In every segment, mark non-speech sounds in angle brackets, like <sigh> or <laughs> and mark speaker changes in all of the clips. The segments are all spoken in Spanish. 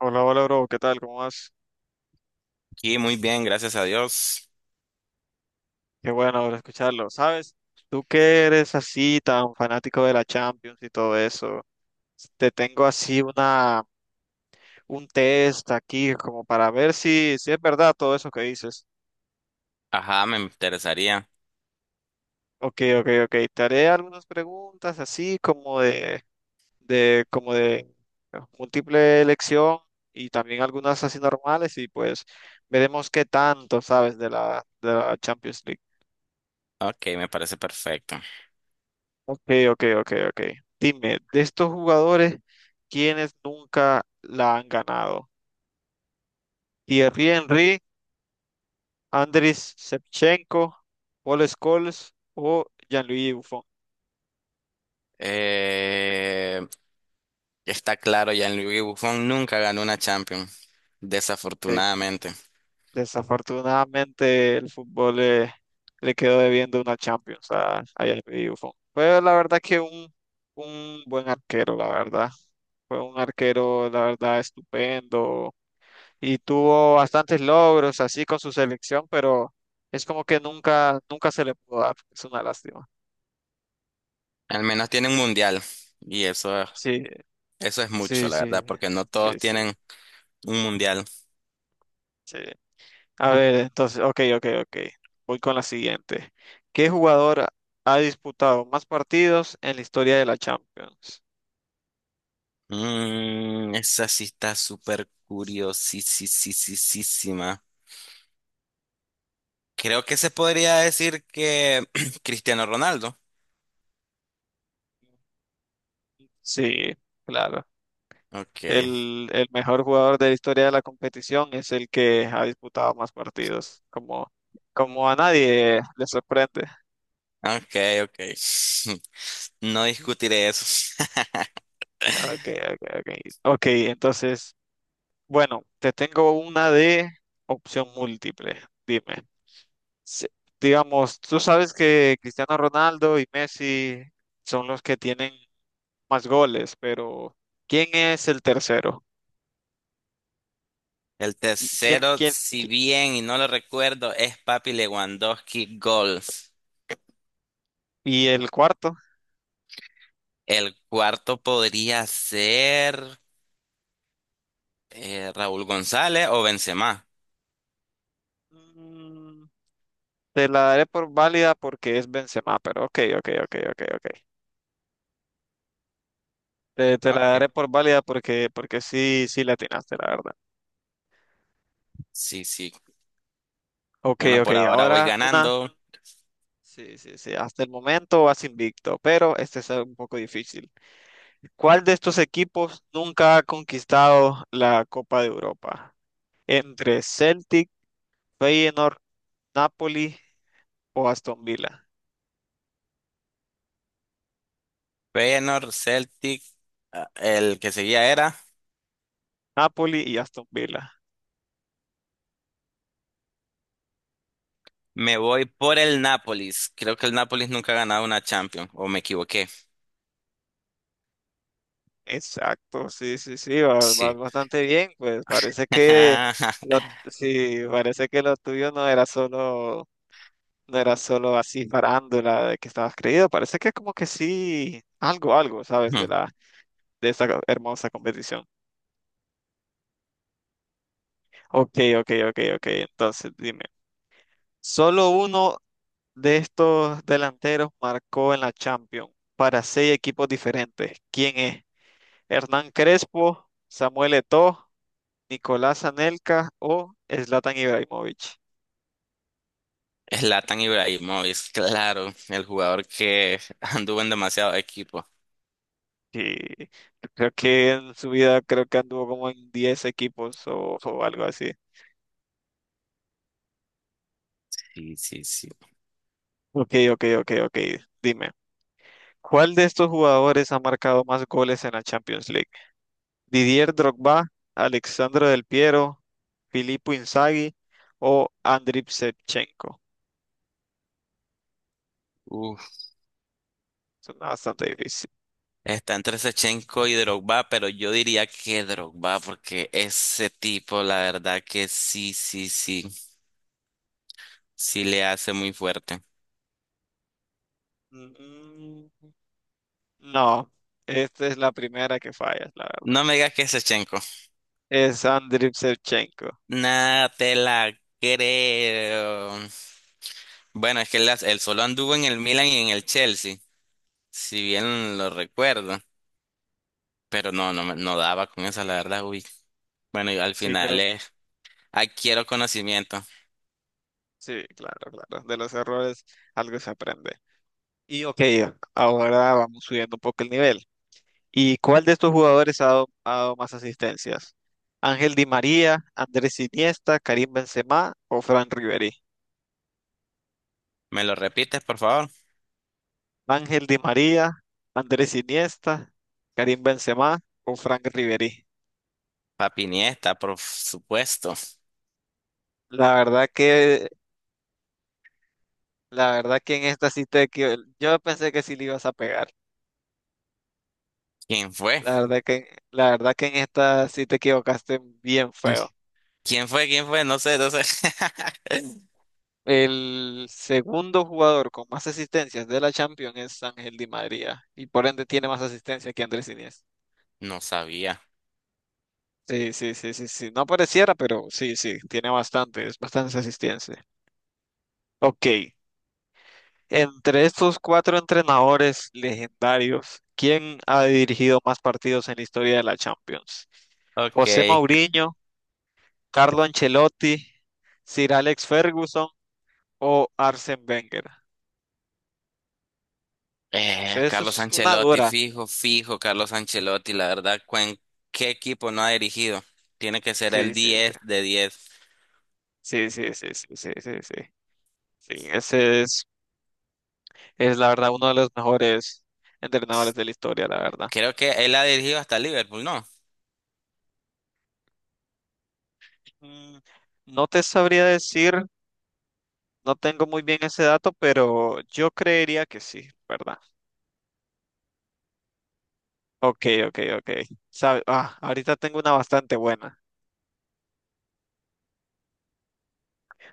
Speaker 1: Hola, hola, bro, ¿qué tal? ¿Cómo vas?
Speaker 2: Y muy bien, gracias a Dios.
Speaker 1: Qué bueno bro, escucharlo. ¿Sabes? Tú que eres así tan fanático de la Champions y todo eso, te tengo así una un test aquí como para ver si es verdad todo eso que dices.
Speaker 2: Ajá, me interesaría.
Speaker 1: Ok, ok, ok. Te haré algunas preguntas así como de múltiple elección y también algunas así normales y pues veremos qué tanto sabes de la Champions League.
Speaker 2: Ok, me parece perfecto.
Speaker 1: Ok, ok, ok, ok. Dime, de estos jugadores, ¿quiénes nunca la han ganado? ¿Thierry Henry, Andriy Shevchenko, Paul Scholes o Gianluigi Buffon?
Speaker 2: Eh, Está claro, Gianluigi Buffon nunca ganó una Champions,
Speaker 1: Sí,
Speaker 2: desafortunadamente.
Speaker 1: desafortunadamente, el fútbol le quedó debiendo una Champions a Gianluigi Buffon. Fue la verdad que un buen arquero, la verdad. Fue un arquero, la verdad, estupendo. Y tuvo bastantes logros así con su selección, pero es como que nunca se le pudo dar. Es una lástima.
Speaker 2: Al menos tiene un mundial y eso,
Speaker 1: Sí,
Speaker 2: eso es mucho,
Speaker 1: sí,
Speaker 2: la
Speaker 1: sí,
Speaker 2: verdad, porque no todos
Speaker 1: sí, sí,
Speaker 2: tienen un mundial.
Speaker 1: sí. A ver, entonces, ok, ok, ok. Voy con la siguiente. ¿Qué jugador ha disputado más partidos en la historia de la Champions?
Speaker 2: Mm, esa sí está súper curiosísima. Creo que se podría decir que <clears throat> Cristiano Ronaldo.
Speaker 1: Sí, claro.
Speaker 2: Ok,
Speaker 1: El mejor jugador de la historia de la competición es el que ha disputado más partidos, como, como a nadie le sorprende.
Speaker 2: ok, ok. <laughs> No discutiré eso. <laughs>
Speaker 1: Ok, ok, ok. Ok, entonces, bueno, te tengo una de opción múltiple. Dime. Se- digamos, tú sabes que Cristiano Ronaldo y Messi son los que tienen más goles, pero ¿quién es el tercero?
Speaker 2: El
Speaker 1: ¿Y
Speaker 2: tercero, si bien y no lo recuerdo, es Papi Lewandowski Golf.
Speaker 1: y el cuarto?
Speaker 2: El cuarto podría ser Raúl González o Benzema.
Speaker 1: Mm, te la daré por válida porque es Benzema, pero ok, ok, ok, ok, ok. Te la daré
Speaker 2: Ok.
Speaker 1: por válida porque sí, sí la atinaste, la verdad.
Speaker 2: Sí, sí.
Speaker 1: Ok,
Speaker 2: Bueno,
Speaker 1: ok,
Speaker 2: por ahora voy
Speaker 1: ahora una.
Speaker 2: ganando.
Speaker 1: Sí, sí, sí. Hasta el momento vas invicto, pero este es un poco difícil. ¿Cuál de estos equipos nunca ha conquistado la Copa de Europa? Entre Celtic, Feyenoord, Napoli o Aston Villa.
Speaker 2: Feyenoord, Celtic, ah, el que seguía era.
Speaker 1: Napoli y Aston Villa.
Speaker 2: Me voy por el Nápoles. Creo que el Nápoles nunca ha ganado una Champions, o me equivoqué.
Speaker 1: Exacto, sí, sí, sí, vas
Speaker 2: Sí.
Speaker 1: bastante bien. Pues parece que lo,
Speaker 2: <laughs>
Speaker 1: sí, parece que lo tuyo no era no era solo así parándola de que estabas creído. Parece que como que sí, algo, algo, ¿sabes? De la de esta hermosa competición. Ok, ok, ok, ok. Entonces, dime, solo uno de estos delanteros marcó en la Champions para seis equipos diferentes. ¿Quién es? ¿Hernán Crespo, Samuel Eto'o, Nicolás Anelka o Zlatan Ibrahimovic?
Speaker 2: Zlatan Ibrahimovic, claro, el jugador que <laughs> anduvo en demasiados equipos.
Speaker 1: Sí, yo creo que en su vida creo que anduvo como en 10 equipos o algo así.
Speaker 2: Sí, sí, sí.
Speaker 1: Ok, ok, ok, ok. Dime, ¿cuál de estos jugadores ha marcado más goles en la Champions League? Didier Drogba, Alexandro Del Piero, Filippo Inzaghi o Andriy Shevchenko.
Speaker 2: Uf,
Speaker 1: Suena bastante difícil.
Speaker 2: está entre Shevchenko y Drogba, pero yo diría que Drogba, porque ese tipo, la verdad que sí, sí, sí, sí le hace muy fuerte.
Speaker 1: Mm, No, esta es la primera que fallas, la
Speaker 2: No
Speaker 1: verdad.
Speaker 2: me digas que es Shevchenko.
Speaker 1: Es Andriy Shevchenko.
Speaker 2: Nada, te la creo. Bueno, es que él solo anduvo en el Milan y en el Chelsea, si bien lo recuerdo, pero no daba con esa, la verdad, uy. Bueno, y al
Speaker 1: Sí,
Speaker 2: final
Speaker 1: pero
Speaker 2: es adquiero conocimiento.
Speaker 1: sí, claro, claro. De los errores algo se aprende. Y ok, ahora vamos subiendo un poco el nivel. ¿Y cuál de estos jugadores ha dado más asistencias? ¿Ángel Di María, Andrés Iniesta, Karim Benzema o Fran Riveri?
Speaker 2: ¿Me lo repites, por favor?
Speaker 1: Ángel Di María, Andrés Iniesta, Karim Benzema o Frank Riveri.
Speaker 2: Papi Niesta, por supuesto.
Speaker 1: La verdad que, la verdad que en esta sí yo pensé que sí le ibas a pegar.
Speaker 2: ¿Quién fue?
Speaker 1: La verdad que en esta sí te equivocaste bien feo.
Speaker 2: ¿Qui- ¿Quién fue? ¿Quién fue? No sé, no sé. <laughs>
Speaker 1: El segundo jugador con más asistencias de la Champions es Ángel Di María y por ende tiene más asistencias que Andrés Iniesta.
Speaker 2: No sabía.
Speaker 1: Sí, sí, sí, sí, sí. No pareciera, pero sí, sí, tiene bastante, es bastante asistencias. Ok. Entre estos cuatro entrenadores legendarios, ¿quién ha dirigido más partidos en la historia de la Champions?
Speaker 2: Ok.
Speaker 1: José Mourinho, Carlo Ancelotti, Sir Alex Ferguson o Arsène Wenger. Sí, eso
Speaker 2: Carlos
Speaker 1: es una
Speaker 2: Ancelotti,
Speaker 1: dura.
Speaker 2: fijo, fijo, Carlos Ancelotti. ¿En qué equipo no ha dirigido? Tiene que ser el
Speaker 1: Sí, sí,
Speaker 2: 10 de diez.
Speaker 1: sí, sí, sí, sí, sí, sí, sí, sí. Sí, ese es la verdad uno de los mejores entrenadores de la historia, la verdad.
Speaker 2: Creo que él ha dirigido hasta Liverpool, ¿no?
Speaker 1: Mm, No te sabría decir, no tengo muy bien ese dato, pero yo creería que sí, ¿verdad? Ok, ok, ok. Ah, ahorita tengo una bastante buena.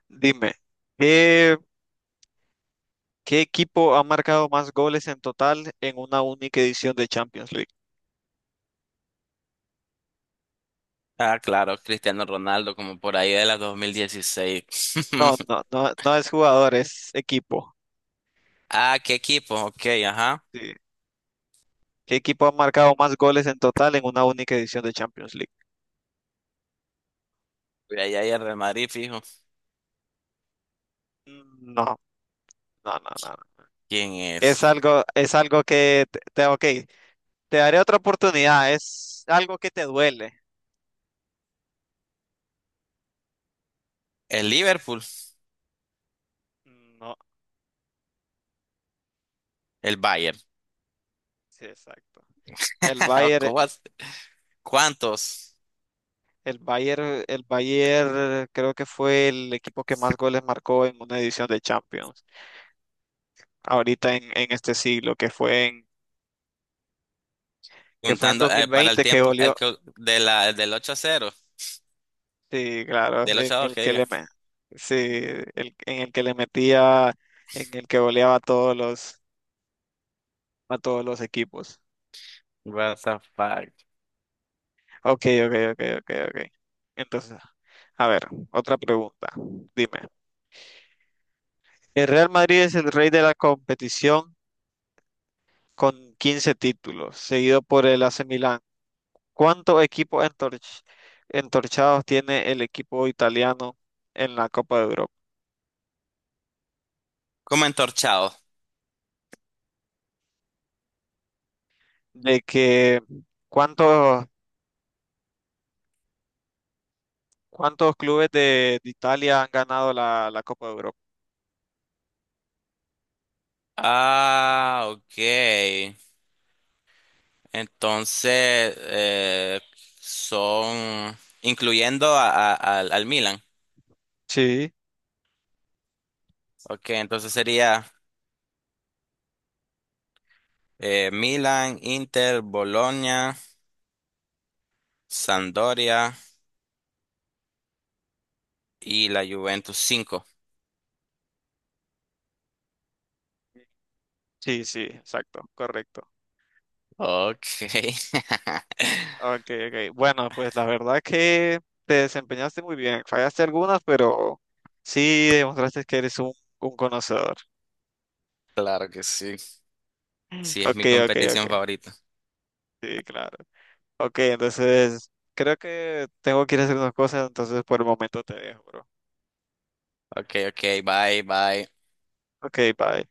Speaker 1: Dime, ¿qué, qué equipo ha marcado más goles en total en una única edición de Champions League?
Speaker 2: Ah, claro, Cristiano Ronaldo, como por ahí de la 2016.
Speaker 1: No,
Speaker 2: <laughs>
Speaker 1: no, no, no es jugador, es equipo.
Speaker 2: Ah, ¿qué equipo? Ok, ajá.
Speaker 1: Sí. ¿Qué equipo ha marcado más goles en total en una única edición de Champions League?
Speaker 2: Mira, ahí hay el Real Madrid, fijo.
Speaker 1: No, no, no, no. No.
Speaker 2: ¿Quién
Speaker 1: Es
Speaker 2: es?
Speaker 1: es algo que ok, te daré otra oportunidad, es algo que te duele.
Speaker 2: El Liverpool,
Speaker 1: No,
Speaker 2: el Bayern.
Speaker 1: sí, exacto. El
Speaker 2: <laughs>
Speaker 1: Bayern,
Speaker 2: ¿Cómo así? ¿Cuántos?
Speaker 1: el Bayern, el Bayern creo que fue el equipo que más goles marcó en una edición de Champions, ahorita en este siglo, que fue en
Speaker 2: Juntando para el
Speaker 1: 2020 que
Speaker 2: tiempo el
Speaker 1: goleó,
Speaker 2: que- de la, del 8 a 0,
Speaker 1: sí, claro,
Speaker 2: del
Speaker 1: en
Speaker 2: 8 a 2
Speaker 1: el
Speaker 2: que
Speaker 1: que
Speaker 2: diga.
Speaker 1: sí, en el que le metía, en el que goleaba a a todos los equipos.
Speaker 2: What the fuck?
Speaker 1: Ok, ok, ok, ok, ok. Entonces, a ver, otra pregunta. Dime. El Real Madrid es el rey de la competición con 15 títulos, seguido por el AC Milan. ¿Cuántos equipos entorchados tiene el equipo italiano en la Copa de Europa?
Speaker 2: Como entorchado.
Speaker 1: De que cuántos, cuántos clubes de Italia han ganado la Copa de Europa.
Speaker 2: Ah, ok. Entonces, son incluyendo al Milan.
Speaker 1: Sí,
Speaker 2: Ok, entonces sería Milan, Inter, Bolonia, Sampdoria y la Juventus cinco.
Speaker 1: sí, sí, exacto, correcto.
Speaker 2: Ok. <laughs>
Speaker 1: Ok, ok. Bueno, pues la verdad que te desempeñaste muy bien. Fallaste algunas, pero sí demostraste que eres un conocedor.
Speaker 2: Claro que sí. Sí, es
Speaker 1: Ok,
Speaker 2: mi
Speaker 1: ok, ok.
Speaker 2: competición favorita.
Speaker 1: Sí, claro. Ok, entonces creo que tengo que ir a hacer unas cosas, entonces por el momento te dejo, bro.
Speaker 2: Ok, ok, bye, bye.
Speaker 1: Ok, bye.